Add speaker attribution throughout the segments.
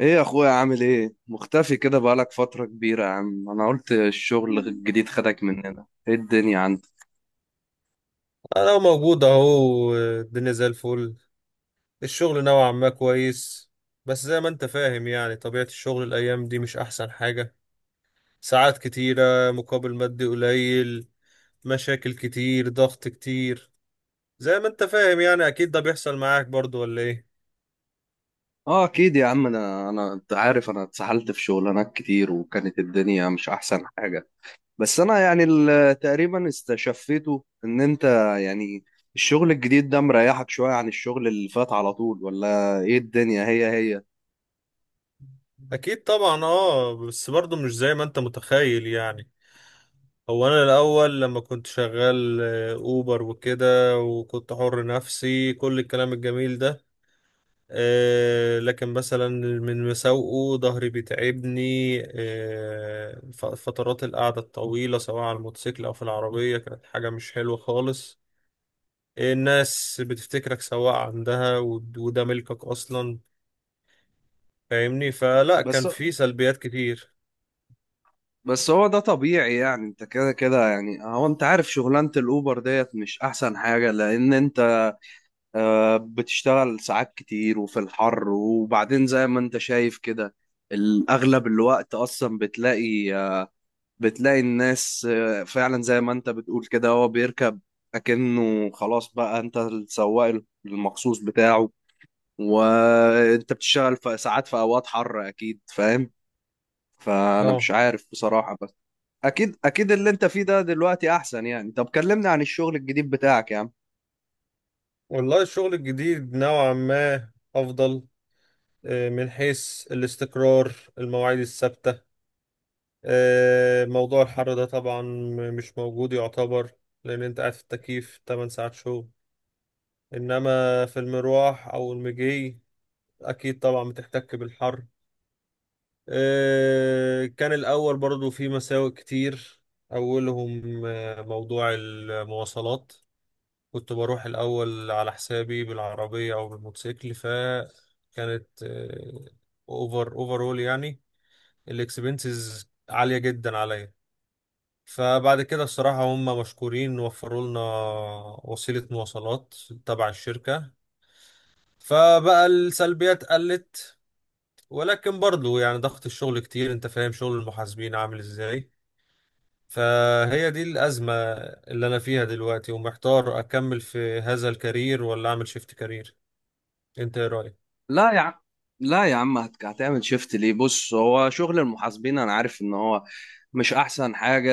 Speaker 1: ايه يا اخويا عامل ايه؟ مختفي كده بقالك فترة كبيرة يا عم. انا قلت الشغل الجديد خدك مننا. ايه الدنيا عندك؟
Speaker 2: انا موجود اهو، الدنيا زي الفل. الشغل نوعا ما كويس. بس زي ما انت فاهم، يعني طبيعة الشغل الايام دي مش احسن حاجة. ساعات كتيرة مقابل مادي قليل. مشاكل كتير، ضغط كتير. زي ما انت فاهم، يعني اكيد ده بيحصل معاك برضو ولا ايه؟
Speaker 1: اه اكيد يا عم. انا انت عارف انا اتسحلت في شغلانات كتير وكانت الدنيا مش احسن حاجة. بس انا يعني تقريبا استشفيته ان انت، يعني الشغل الجديد ده مريحك شوية عن الشغل اللي فات على طول، ولا ايه؟ الدنيا هي هي.
Speaker 2: اكيد طبعا، بس برضو مش زي ما انت متخيل يعني. هو انا الاول لما كنت شغال، اوبر وكده، وكنت حر نفسي كل الكلام الجميل ده. لكن مثلا من مساوئه ظهري بيتعبني. فترات القعدة الطويلة سواء على الموتوسيكل أو في العربية كانت حاجة مش حلوة خالص. الناس بتفتكرك سواق عندها، وده ملكك أصلا. فاهمني؟ فلا،
Speaker 1: بس
Speaker 2: كان في سلبيات كتير.
Speaker 1: بس هو ده طبيعي يعني، انت كده كده. يعني هو انت عارف شغلانة الاوبر ديت مش احسن حاجة، لان انت بتشتغل ساعات كتير وفي الحر، وبعدين زي ما انت شايف كده الأغلب الوقت أصلا بتلاقي، بتلاقي الناس فعلا زي ما انت بتقول كده هو بيركب أكنه خلاص بقى انت السواق المخصوص بتاعه، وانت بتشتغل في ساعات في أوقات حر، أكيد فاهم. فأنا
Speaker 2: اه.
Speaker 1: مش عارف بصراحة، بس أكيد أكيد اللي انت فيه ده دلوقتي أحسن. يعني طب كلمني عن الشغل الجديد بتاعك يا عم.
Speaker 2: والله الشغل الجديد نوعا ما أفضل، من حيث الاستقرار، المواعيد الثابتة. موضوع الحر ده طبعا مش موجود يعتبر، لأن أنت قاعد في التكييف 8 ساعات شغل. إنما في المروح أو المجي أكيد طبعا بتحتك بالحر. كان الأول برضو في مساوئ كتير. أولهم موضوع المواصلات. كنت بروح الأول على حسابي بالعربية أو بالموتوسيكل، فكانت أوفرول يعني. الإكسبنسز عالية جدا عليا. فبعد كده الصراحة هم مشكورين وفروا لنا وسيلة مواصلات تبع الشركة، فبقى السلبيات قلت. ولكن برضو يعني ضغط الشغل كتير، انت فاهم شغل المحاسبين عامل ازاي. فهي دي الأزمة اللي أنا فيها دلوقتي، ومحتار أكمل في هذا الكارير ولا أعمل شيفت كارير. انت ايه رأيك؟
Speaker 1: لا يا عم، لا يا عم، هتعمل شيفت ليه؟ بص، هو شغل المحاسبين انا عارف ان هو مش احسن حاجة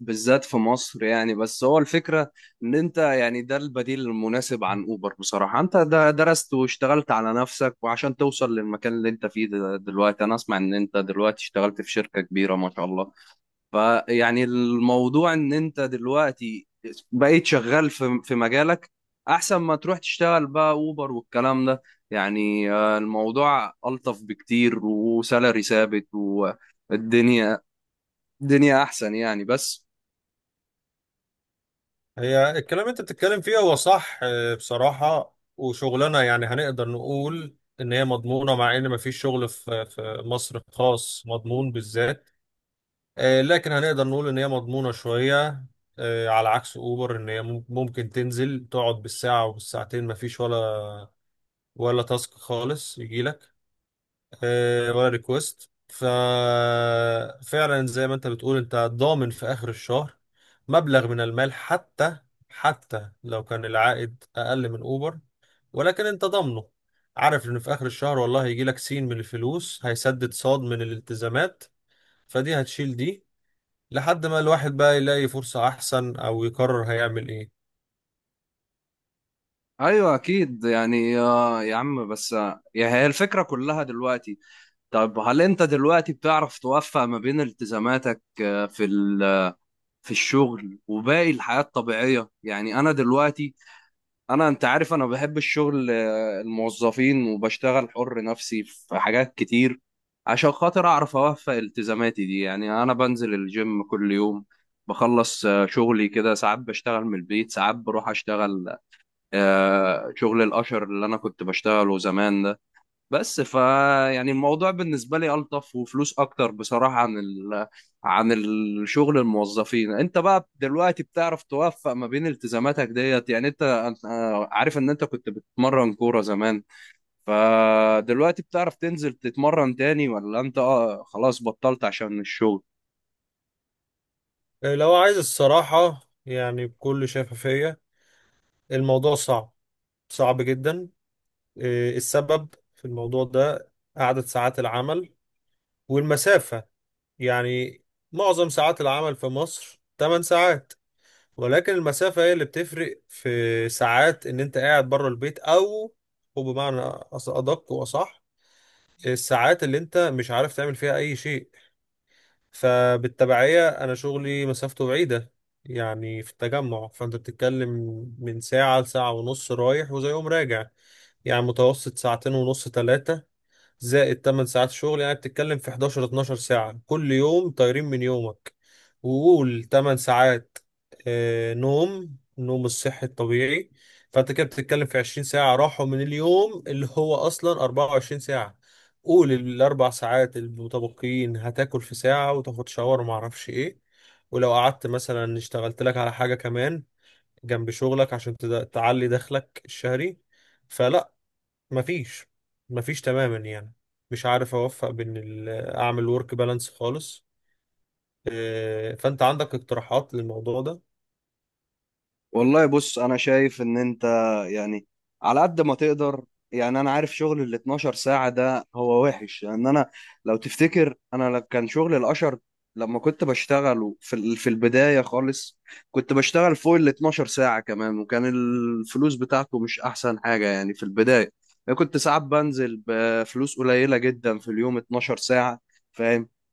Speaker 1: بالذات في مصر يعني، بس هو الفكرة ان انت يعني ده البديل المناسب عن اوبر. بصراحة انت ده درست واشتغلت على نفسك وعشان توصل للمكان اللي انت فيه دلوقتي. انا اسمع ان انت دلوقتي اشتغلت في شركة كبيرة ما شاء الله. فيعني الموضوع ان انت دلوقتي بقيت شغال في مجالك، احسن ما تروح تشتغل بقى اوبر والكلام ده. يعني الموضوع الطف بكتير وسالري ثابت، والدنيا الدنيا احسن يعني بس.
Speaker 2: هي الكلام اللي انت بتتكلم فيه هو صح، بصراحة. وشغلنا يعني هنقدر نقول ان هي مضمونة، مع ان مفيش شغل في مصر خاص مضمون بالذات. لكن هنقدر نقول ان هي مضمونة شوية، على عكس اوبر. ان هي ممكن تنزل تقعد بالساعة وبالساعتين، مفيش ولا ولا تاسك خالص يجيلك، ولا ريكوست. ففعلا زي ما انت بتقول، انت ضامن في اخر الشهر مبلغ من المال، حتى حتى لو كان العائد اقل من اوبر ولكن انت ضامنه. عارف ان في اخر الشهر والله هيجي لك سين من الفلوس، هيسدد صاد من الالتزامات، فدي هتشيل دي لحد ما الواحد بقى يلاقي فرصة احسن او يقرر هيعمل ايه.
Speaker 1: ايوه اكيد يعني، يا عم بس، يعني هي الفكره كلها دلوقتي. طب هل انت دلوقتي بتعرف توفق ما بين التزاماتك، في الشغل وباقي الحياه الطبيعيه؟ يعني انا دلوقتي، انا انت عارف انا بحب الشغل، الموظفين وبشتغل حر نفسي في حاجات كتير. عشان خاطر اعرف اوفق التزاماتي دي، يعني انا بنزل الجيم كل يوم، بخلص شغلي كده، ساعات بشتغل من البيت ساعات بروح اشتغل، شغل الاشر اللي انا كنت بشتغله زمان ده. بس فا يعني الموضوع بالنسبة لي ألطف وفلوس أكتر بصراحة عن عن الشغل الموظفين. أنت بقى دلوقتي بتعرف توفق ما بين التزاماتك ديت؟ يعني أنت، عارف إن أنت كنت بتتمرن كورة زمان، فدلوقتي بتعرف تنزل تتمرن تاني ولا أنت آه خلاص بطلت عشان الشغل؟
Speaker 2: لو عايز الصراحة يعني بكل شفافية، الموضوع صعب، صعب جدا. إيه السبب في الموضوع ده؟ عدد ساعات العمل والمسافة. يعني معظم ساعات العمل في مصر 8 ساعات، ولكن المسافة هي اللي بتفرق في ساعات ان انت قاعد بره البيت، او وبمعنى ادق واصح، الساعات اللي انت مش عارف تعمل فيها اي شيء. فبالتبعية انا شغلي مسافته بعيدة، يعني في التجمع، فانت بتتكلم من ساعة لساعة ونص رايح وزي يوم راجع. يعني متوسط ساعتين ونص ثلاثة زائد 8 ساعات شغل، يعني بتتكلم في 11 12 ساعة كل يوم طايرين من يومك. وقول 8 ساعات نوم، النوم الصحي الطبيعي. فانت كده بتتكلم في 20 ساعة راحوا من اليوم اللي هو اصلا 24 ساعة. قول الاربع ساعات المتبقيين هتاكل في ساعة وتاخد شاور وما اعرفش ايه. ولو قعدت مثلا اشتغلت لك على حاجة كمان جنب شغلك عشان تعلي دخلك الشهري، فلا. مفيش، مفيش تماما يعني. مش عارف اوفق بين اعمل ورك بالانس خالص. فانت عندك اقتراحات للموضوع ده؟
Speaker 1: والله بص، انا شايف ان انت، يعني على قد ما تقدر، يعني انا عارف شغل ال 12 ساعة ده هو وحش لان انا لو تفتكر انا، كان شغل الاشر لما كنت بشتغله في البداية خالص كنت بشتغل فوق ال 12 ساعة كمان، وكان الفلوس بتاعته مش احسن حاجة يعني في البداية. انا كنت ساعات بنزل بفلوس قليلة جدا في اليوم 12 ساعة،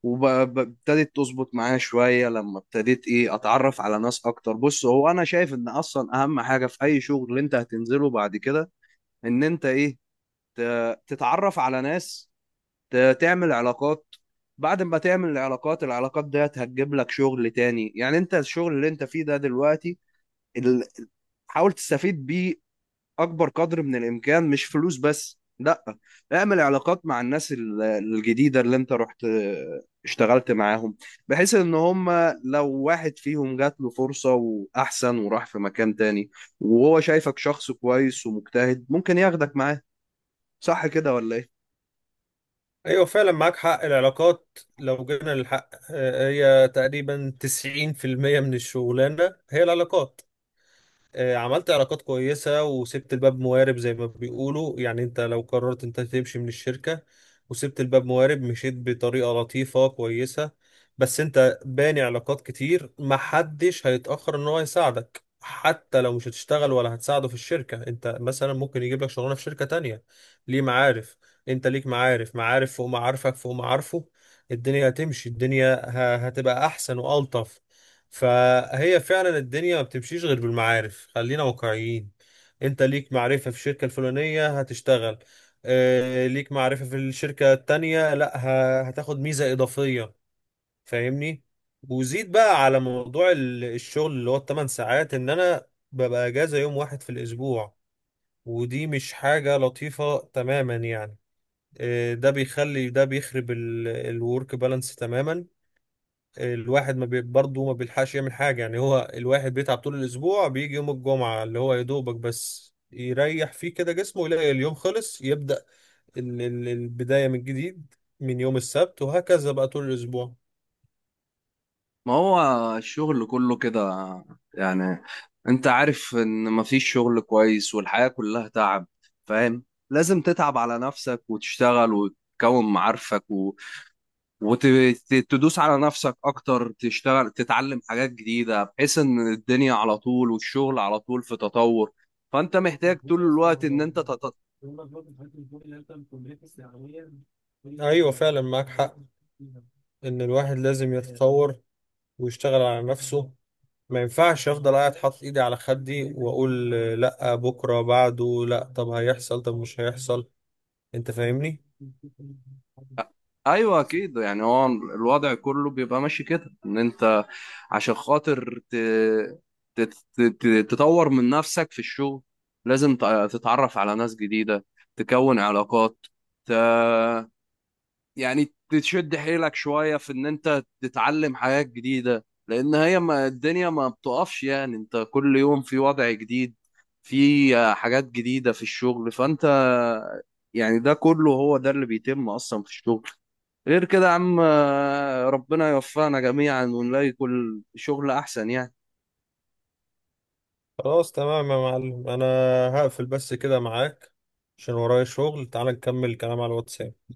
Speaker 1: وابتدت تظبط معايا شوية لما ابتديت ايه اتعرف على ناس اكتر. بص، هو انا شايف ان اصلا اهم حاجة في اي شغل اللي انت هتنزله بعد كده ان انت ايه، تتعرف على ناس، تعمل علاقات. بعد ما تعمل العلاقات، العلاقات ديت هتجيب لك شغل تاني. يعني انت الشغل اللي انت فيه ده دلوقتي ال- حاول تستفيد بيه اكبر قدر من الامكان، مش فلوس بس، لا، اعمل علاقات مع الناس الجديده اللي انت رحت اشتغلت معاهم، بحيث ان هم لو واحد فيهم جات له فرصه واحسن وراح في مكان تاني وهو شايفك شخص كويس ومجتهد، ممكن ياخدك معاه. صح كده ولا ايه؟
Speaker 2: ايوه فعلا معاك حق، العلاقات لو جينا للحق هي تقريبا 90% من الشغلانة هي العلاقات. عملت علاقات كويسة وسبت الباب موارب زي ما بيقولوا. يعني انت لو قررت انت تمشي من الشركة وسبت الباب موارب، مشيت بطريقة لطيفة كويسة، بس انت باني علاقات كتير، محدش هيتأخر ان هو يساعدك. حتى لو مش هتشتغل ولا هتساعده في الشركة، انت مثلا ممكن يجيب لك شغلانة في شركة تانية. ليه؟ معارف. انت ليك معارف، معارف فوق معارفك فوق معارفه. الدنيا هتمشي، الدنيا هتبقى احسن والطف. فهي فعلا الدنيا ما بتمشيش غير بالمعارف، خلينا واقعيين. انت ليك معرفة في الشركة الفلانية هتشتغل. اه. ليك معرفة في الشركة التانية، لا هتاخد ميزة إضافية. فاهمني؟ وزيد بقى على موضوع الشغل اللي هو ال 8 ساعات، ان انا ببقى اجازة يوم واحد في الاسبوع، ودي مش حاجة لطيفة تماما يعني. اه، ده بيخرب الورك بالانس تماما. الواحد ما بي... برضه ما بيلحقش يعمل حاجة. يعني هو الواحد بيتعب طول الأسبوع، بيجي يوم الجمعة اللي هو يا دوبك بس يريح فيه كده جسمه، يلاقي اليوم خلص، يبدأ البداية من جديد من يوم السبت، وهكذا بقى طول الأسبوع.
Speaker 1: ما هو الشغل كله كده يعني، انت عارف ان مفيش شغل كويس والحياة كلها تعب، فاهم. لازم تتعب على نفسك وتشتغل وتكون معارفك وتدوس على نفسك اكتر، تشتغل، تتعلم حاجات جديدة، بحيث ان الدنيا على طول والشغل على طول في تطور، فانت محتاج طول الوقت ان انت
Speaker 2: أيوة فعلا معاك حق، إن الواحد لازم يتطور ويشتغل على نفسه. ما ينفعش أفضل قاعد حاطط إيدي على خدي وأقول لأ بكرة بعده لأ، طب هيحصل، طب مش هيحصل. أنت فاهمني؟
Speaker 1: ايوه اكيد يعني، هو الوضع كله بيبقى ماشي كده ان انت عشان خاطر تطور من نفسك في الشغل، لازم تتعرف على ناس جديدة، تكون علاقات، ت... يعني تشد حيلك شوية في ان انت تتعلم حاجات جديدة، لان هي ما الدنيا ما بتقفش. يعني انت كل يوم في وضع جديد، في حاجات جديدة في الشغل، فانت يعني ده كله هو ده اللي بيتم اصلا في الشغل. غير كده يا عم ربنا يوفقنا جميعا ونلاقي كل شغل احسن يعني.
Speaker 2: خلاص تمام يا معلم، انا هقفل بس كده معاك عشان ورايا شغل. تعال نكمل الكلام على الواتساب.